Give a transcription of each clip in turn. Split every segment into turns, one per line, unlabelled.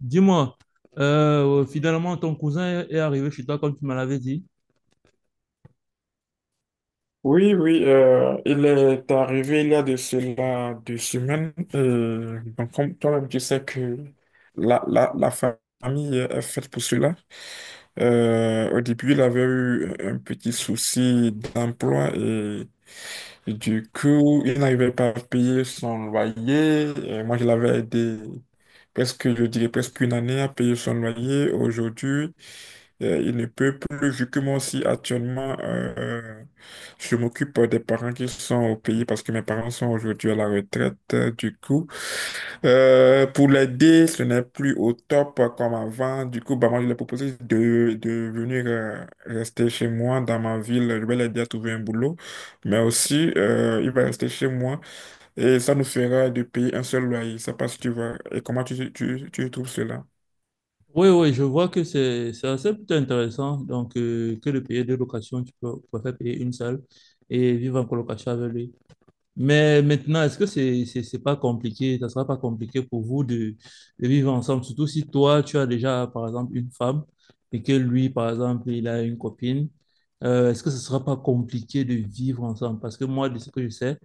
Dis-moi, finalement, ton cousin est arrivé chez toi comme tu me l'avais dit.
Oui, oui, il est arrivé il y a de cela 2 semaines. Et donc, comme toi-même, tu sais que la famille est faite pour cela. Au début, il avait eu un petit souci d'emploi et du coup, il n'arrivait pas à payer son loyer. Et moi, je l'avais aidé presque, je dirais, presque une année à payer son loyer. Aujourd'hui, il ne peut plus, vu que moi aussi actuellement, je m'occupe des parents qui sont au pays parce que mes parents sont aujourd'hui à la retraite. Du coup, pour l'aider, ce n'est plus au top comme avant. Du coup, bah, moi, je lui ai proposé de venir rester chez moi dans ma ville. Je vais l'aider à trouver un boulot. Mais aussi, il va rester chez moi et ça nous fera de payer un seul loyer. Ça passe, tu vois. Et comment tu trouves cela?
Oui, oui, je vois que c'est assez plutôt intéressant. Donc, que de payer deux locations, tu peux, préfères payer une seule et vivre en colocation avec lui. Mais maintenant, est-ce que c'est pas compliqué? Ça sera pas compliqué pour vous de vivre ensemble, surtout si toi, tu as déjà, par exemple, une femme et que lui, par exemple, il a une copine. Est-ce que ce sera pas compliqué de vivre ensemble? Parce que moi, de ce que je sais,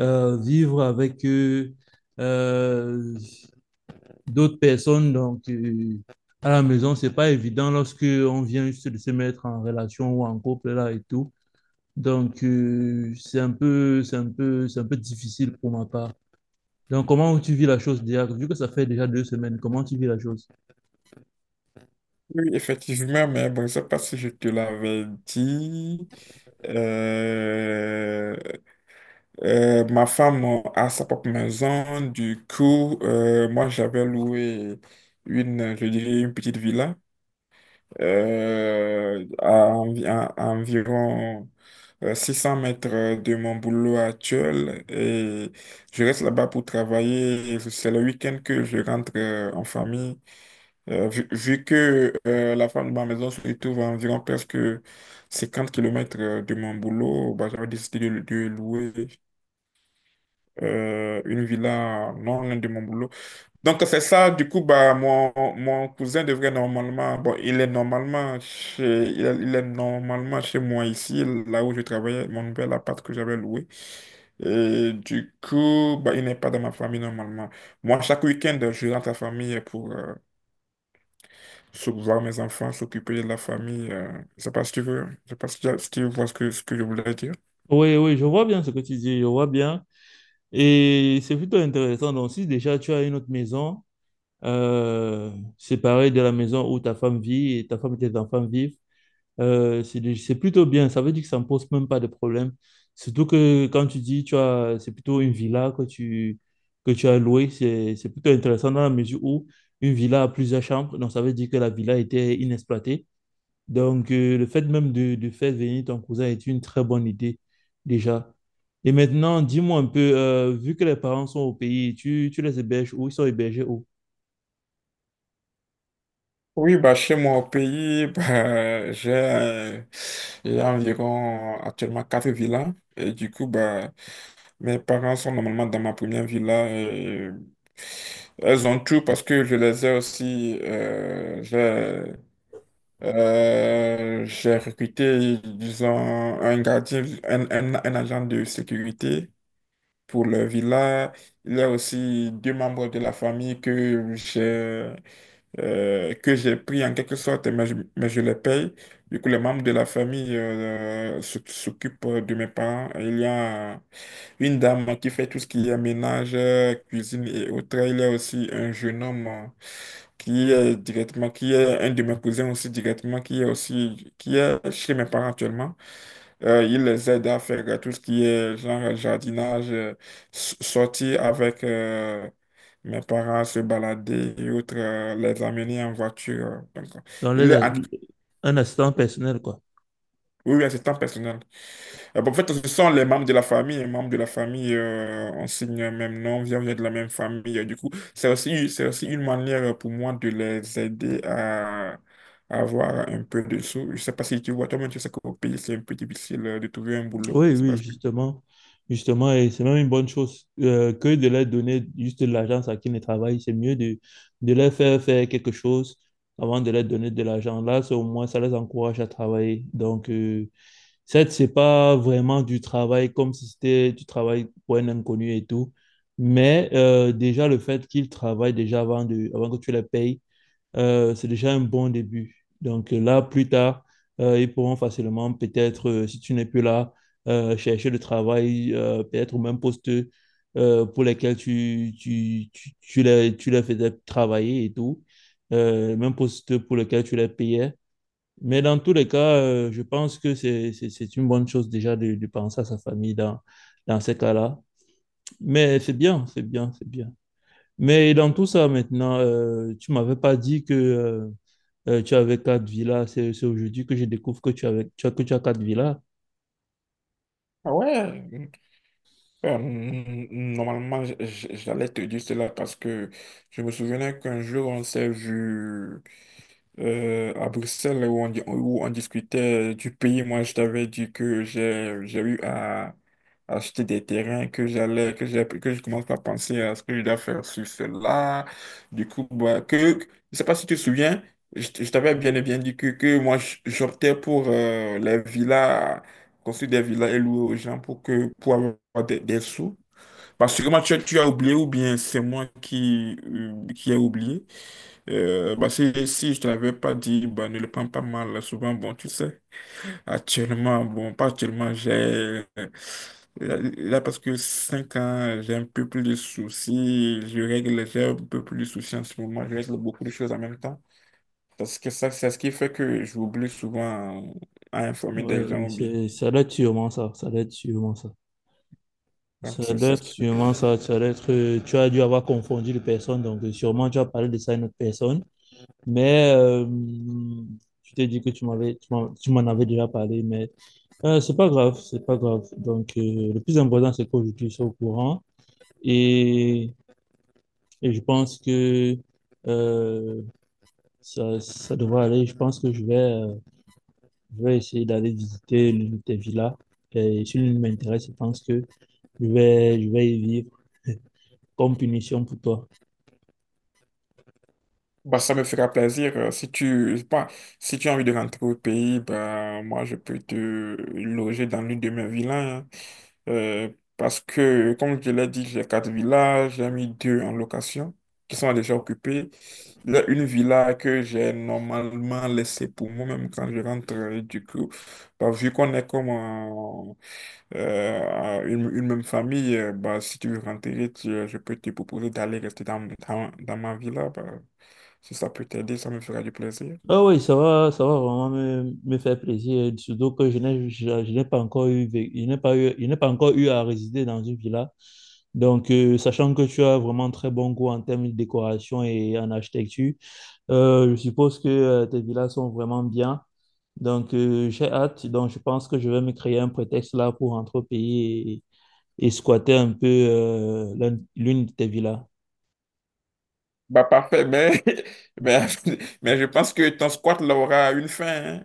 vivre avec euh, d'autres personnes. Donc, à la maison, c'est pas évident lorsque on vient juste de se mettre en relation ou en couple là et tout. Donc, c'est un peu difficile pour ma part. Donc, comment tu vis la chose déjà? Vu que ça fait déjà deux semaines, comment tu vis la chose?
Oui, effectivement, mais bon, je ne sais pas si je te l'avais dit. Euh, ma femme a sa propre maison. Du coup, moi, j'avais loué une, je dirais, une petite villa à environ 600 mètres de mon boulot actuel. Et je reste là-bas pour travailler. C'est le week-end que je rentre en famille. Vu que la femme de ma maison se trouve à environ presque 50 kilomètres de mon boulot, bah, j'avais décidé de louer une villa non loin de mon boulot. Donc c'est ça, du coup, bah, mon cousin devrait normalement, bon, il est normalement chez moi ici, là où je travaillais, mon nouvel appart que j'avais loué. Et du coup, bah, il n'est pas dans ma famille normalement. Moi, chaque week-end, je rentre à la famille pour, voir mes enfants, s'occuper de la famille. Je sais pas si tu veux, je sais pas si tu vois ce que je voulais dire.
Oui, oui, je vois bien ce que tu dis, je vois bien. Et c'est plutôt intéressant. Donc, si déjà tu as une autre maison, euh, séparée de la maison où ta femme vit et ta femme et tes enfants vivent. C'est plutôt bien. Ça veut dire que ça ne pose même pas de problème. Surtout que quand tu dis, tu as, c'est plutôt une villa que tu as louée. C'est plutôt intéressant dans la mesure où une villa a plusieurs chambres. Donc, ça veut dire que la villa était inexploitée. Donc, le fait même de faire venir ton cousin est une très bonne idée déjà. Et maintenant, dis-moi un peu, vu que les parents sont au pays, tu les héberges où? Ils sont hébergés où?
Oui, bah, chez moi au pays, bah, j'ai environ actuellement quatre villas. Et du coup, bah, mes parents sont normalement dans ma première villa. Et elles ont tout parce que je les ai aussi. J'ai recruté, disons, un gardien, un agent de sécurité pour le villa. Il y a aussi deux membres de la famille que j'ai pris en quelque sorte, mais je les paye. Du coup, les membres de la famille s'occupent de mes parents. Il y a une dame qui fait tout ce qui est ménage, cuisine et autres. Il y a aussi un jeune homme qui est directement, qui est un de mes cousins aussi directement, qui est aussi, qui est chez mes parents actuellement. Il les aide à faire tout ce qui est genre jardinage, sortir avec mes parents, se balader et autres, les amener en voiture. Donc,
Dans les,
il est
a-
en-
un assistant personnel, quoi.
oui, assistant personnel. Bon, en fait, ce sont les membres de la famille. Les membres de la famille, on signe le même nom, on vient de la même famille. Du coup, c'est aussi une manière pour moi de les aider à avoir un peu de sous. Je sais pas si tu vois, toi-même, tu sais qu'au pays, c'est un peu difficile de trouver un boulot.
Oui,
Je sais pas.
oui, justement. Justement, et c'est même une bonne chose que de leur donner juste de l'argent à qui ne travaille. C'est mieux de leur faire faire quelque chose avant de leur donner de l'argent. Là, c'est au moins, ça les encourage à travailler. Donc, certes, c'est pas vraiment du travail comme si c'était du travail pour un inconnu et tout. Mais déjà, le fait qu'ils travaillent déjà avant, avant que tu les payes, c'est déjà un bon début. Donc là, plus tard, ils pourront facilement, peut-être, si tu n'es plus là, chercher le travail, peut-être au même poste pour lesquels tu les faisais travailler et tout, même poste pour lequel tu les payais. Mais dans tous les cas, je pense que c'est une bonne chose déjà de penser à sa famille dans ces cas-là. Mais c'est bien, c'est bien, c'est bien. Mais dans tout ça maintenant, tu m'avais pas dit que tu avais quatre villas, c'est aujourd'hui que je découvre que tu avais, tu as, que tu as quatre villas.
Ah ouais, normalement, j'allais te dire cela parce que je me souvenais qu'un jour, on s'est vu à Bruxelles où on discutait du pays, moi je t'avais dit que j'ai eu à acheter des terrains, que j'allais, que j'ai, que je commence à penser à ce que je dois faire sur cela. Du coup, bah, je sais pas si tu te souviens, je t'avais bien et bien dit que, moi j'optais pour les villas, construire des villas et louer aux gens pour avoir des sous. Parce que moi, tu as oublié ou bien c'est moi qui ai oublié. Bah, si je ne l'avais pas dit, bah, ne le prends pas mal. Souvent, bon, tu sais, actuellement, bon, pas actuellement, j'ai. Là, là, parce que 5 ans, j'ai un peu plus de soucis. J'ai un peu plus de soucis en ce moment. Je règle beaucoup de choses en même temps. Parce que ça, c'est ce qui fait que j'oublie souvent à informer des
Ouais
gens,
mais
ou bien.
ça doit être sûrement ça, ça doit être sûrement ça.
Donc,
Ça
c'est
doit
c'est
être
ce qui
sûrement
fait.
ça, ça doit être, tu as dû avoir confondu les personnes, donc sûrement tu as parlé de ça à une autre personne. Mais tu t'es dit que tu m'en avais déjà parlé, mais c'est pas grave, c'est pas grave. Donc le plus important, c'est qu'aujourd'hui, je suis au courant et, et je pense que euh, ça devrait aller. Je pense que je vais... Je vais essayer d'aller visiter l'une de tes villas. Et si l'une m'intéresse, je pense que je vais y vivre comme punition pour toi.
Bah, ça me fera plaisir. Si tu, Bah, si tu as envie de rentrer au pays, bah, moi, je peux te loger dans l'une de mes villas, hein. Euh, parce que, comme je l'ai dit, j'ai quatre villas, j'ai mis deux en location qui sont déjà occupées. Il y a une villa que j'ai normalement laissée pour moi-même quand je rentre. Et du coup, bah, vu qu'on est comme une même famille, bah, si tu veux rentrer, je peux te proposer d'aller rester dans, dans ma villa, bah. Si ça peut t'aider, ça me fera du plaisir.
Ah oui, ça va vraiment me faire plaisir. Surtout que je n'ai pas encore eu, vé- je n'ai pas eu, je n'ai pas encore eu à résider dans une villa. Donc, sachant que tu as vraiment très bon goût en termes de décoration et en architecture, je suppose que tes villas sont vraiment bien. Donc, j'ai hâte. Donc, je pense que je vais me créer un prétexte là pour rentrer au pays et squatter un peu l'une de tes villas.
Bah parfait, mais, mais, mais je pense que ton squat là aura une fin,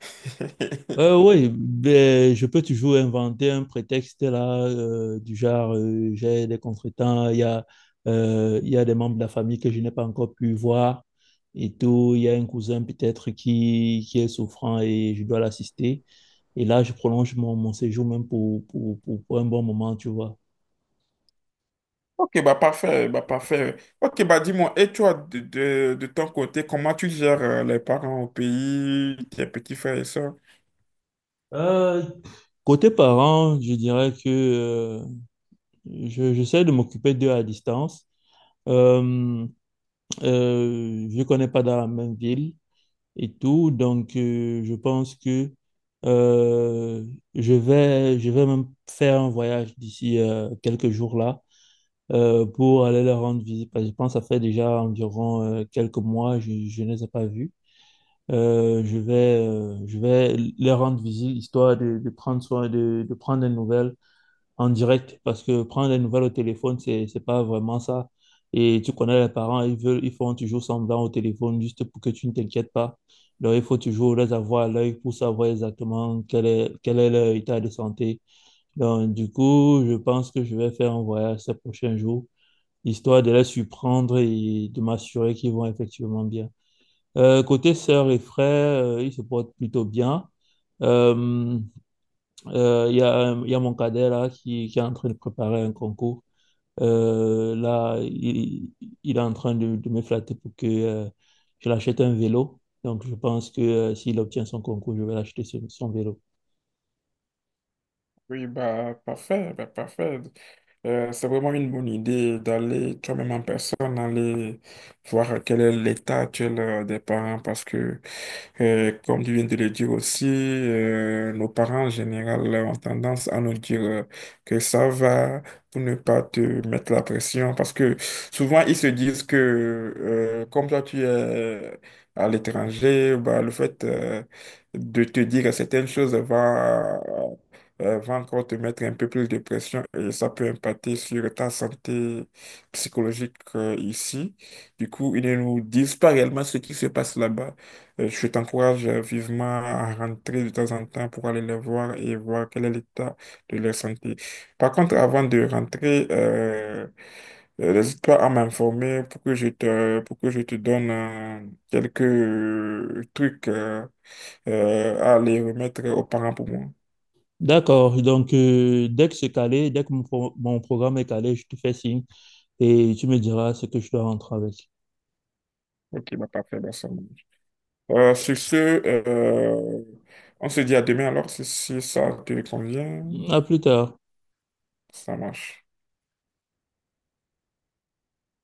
hein.
Oui, ben, je peux toujours inventer un prétexte là, du genre j'ai des contretemps, il y a des membres de la famille que je n'ai pas encore pu voir et tout, il y a un cousin peut-être qui est souffrant et je dois l'assister. Et là, je prolonge mon séjour même pour un bon moment, tu vois.
Ok, bah parfait, bah parfait. Ok, bah dis-moi, et toi, de ton côté, comment tu gères les parents au pays, tes petits frères et sœurs?
Euh, Côté parents, je dirais que j'essaie de m'occuper d'eux à distance. Euh, je ne connais pas dans la même ville et tout, donc je pense que euh, je vais même faire un voyage d'ici quelques jours là pour aller leur rendre visite. Parce que je pense que ça fait déjà environ quelques mois, je ne les ai pas vus. Euh, je vais, je vais leur rendre visite histoire de prendre soin, de prendre des nouvelles en direct parce que prendre les nouvelles au téléphone, c'est pas vraiment ça. Et tu connais les parents, ils veulent, ils font toujours semblant au téléphone juste pour que tu ne t'inquiètes pas. Donc, il faut toujours les avoir à l'œil pour savoir exactement quel est leur état de santé. Donc, du coup, je pense que je vais faire un voyage ces prochains jours, histoire de les surprendre et de m'assurer qu'ils vont effectivement bien. Côté sœurs et frères, ils se portent plutôt bien. Euh, Il y a, il y a mon cadet là qui est en train de préparer un concours. Euh, là, il, il est en train de me flatter pour que je l'achète un vélo. Donc, je pense que s'il obtient son concours, je vais l'acheter son vélo.
Oui, bah parfait, bah parfait. C'est vraiment une bonne idée d'aller toi-même en personne, aller voir quel est l'état actuel des parents parce que, comme tu viens de le dire aussi, nos parents en général ont tendance à nous dire que ça va pour ne pas te mettre la pression parce que souvent ils se disent que, comme toi tu es à l'étranger, bah, le fait de te dire certaines choses va encore te mettre un peu plus de pression et ça peut impacter sur ta santé psychologique ici. Du coup, ils ne nous disent pas réellement ce qui se passe là-bas. Je t'encourage vivement à rentrer de temps en temps pour aller les voir et voir quel est l'état de leur santé. Par contre, avant de rentrer, n'hésite pas à m'informer pour que je te donne quelques trucs à aller remettre aux parents pour moi.
D'accord. Donc, dès que c'est calé, dès que mon programme est calé, je te fais signe et tu me diras ce que je dois rentrer avec.
Ok, bah parfait, bah ça marche. Sur ce, on se dit à demain alors, si ça te convient,
À plus tard.
ça marche.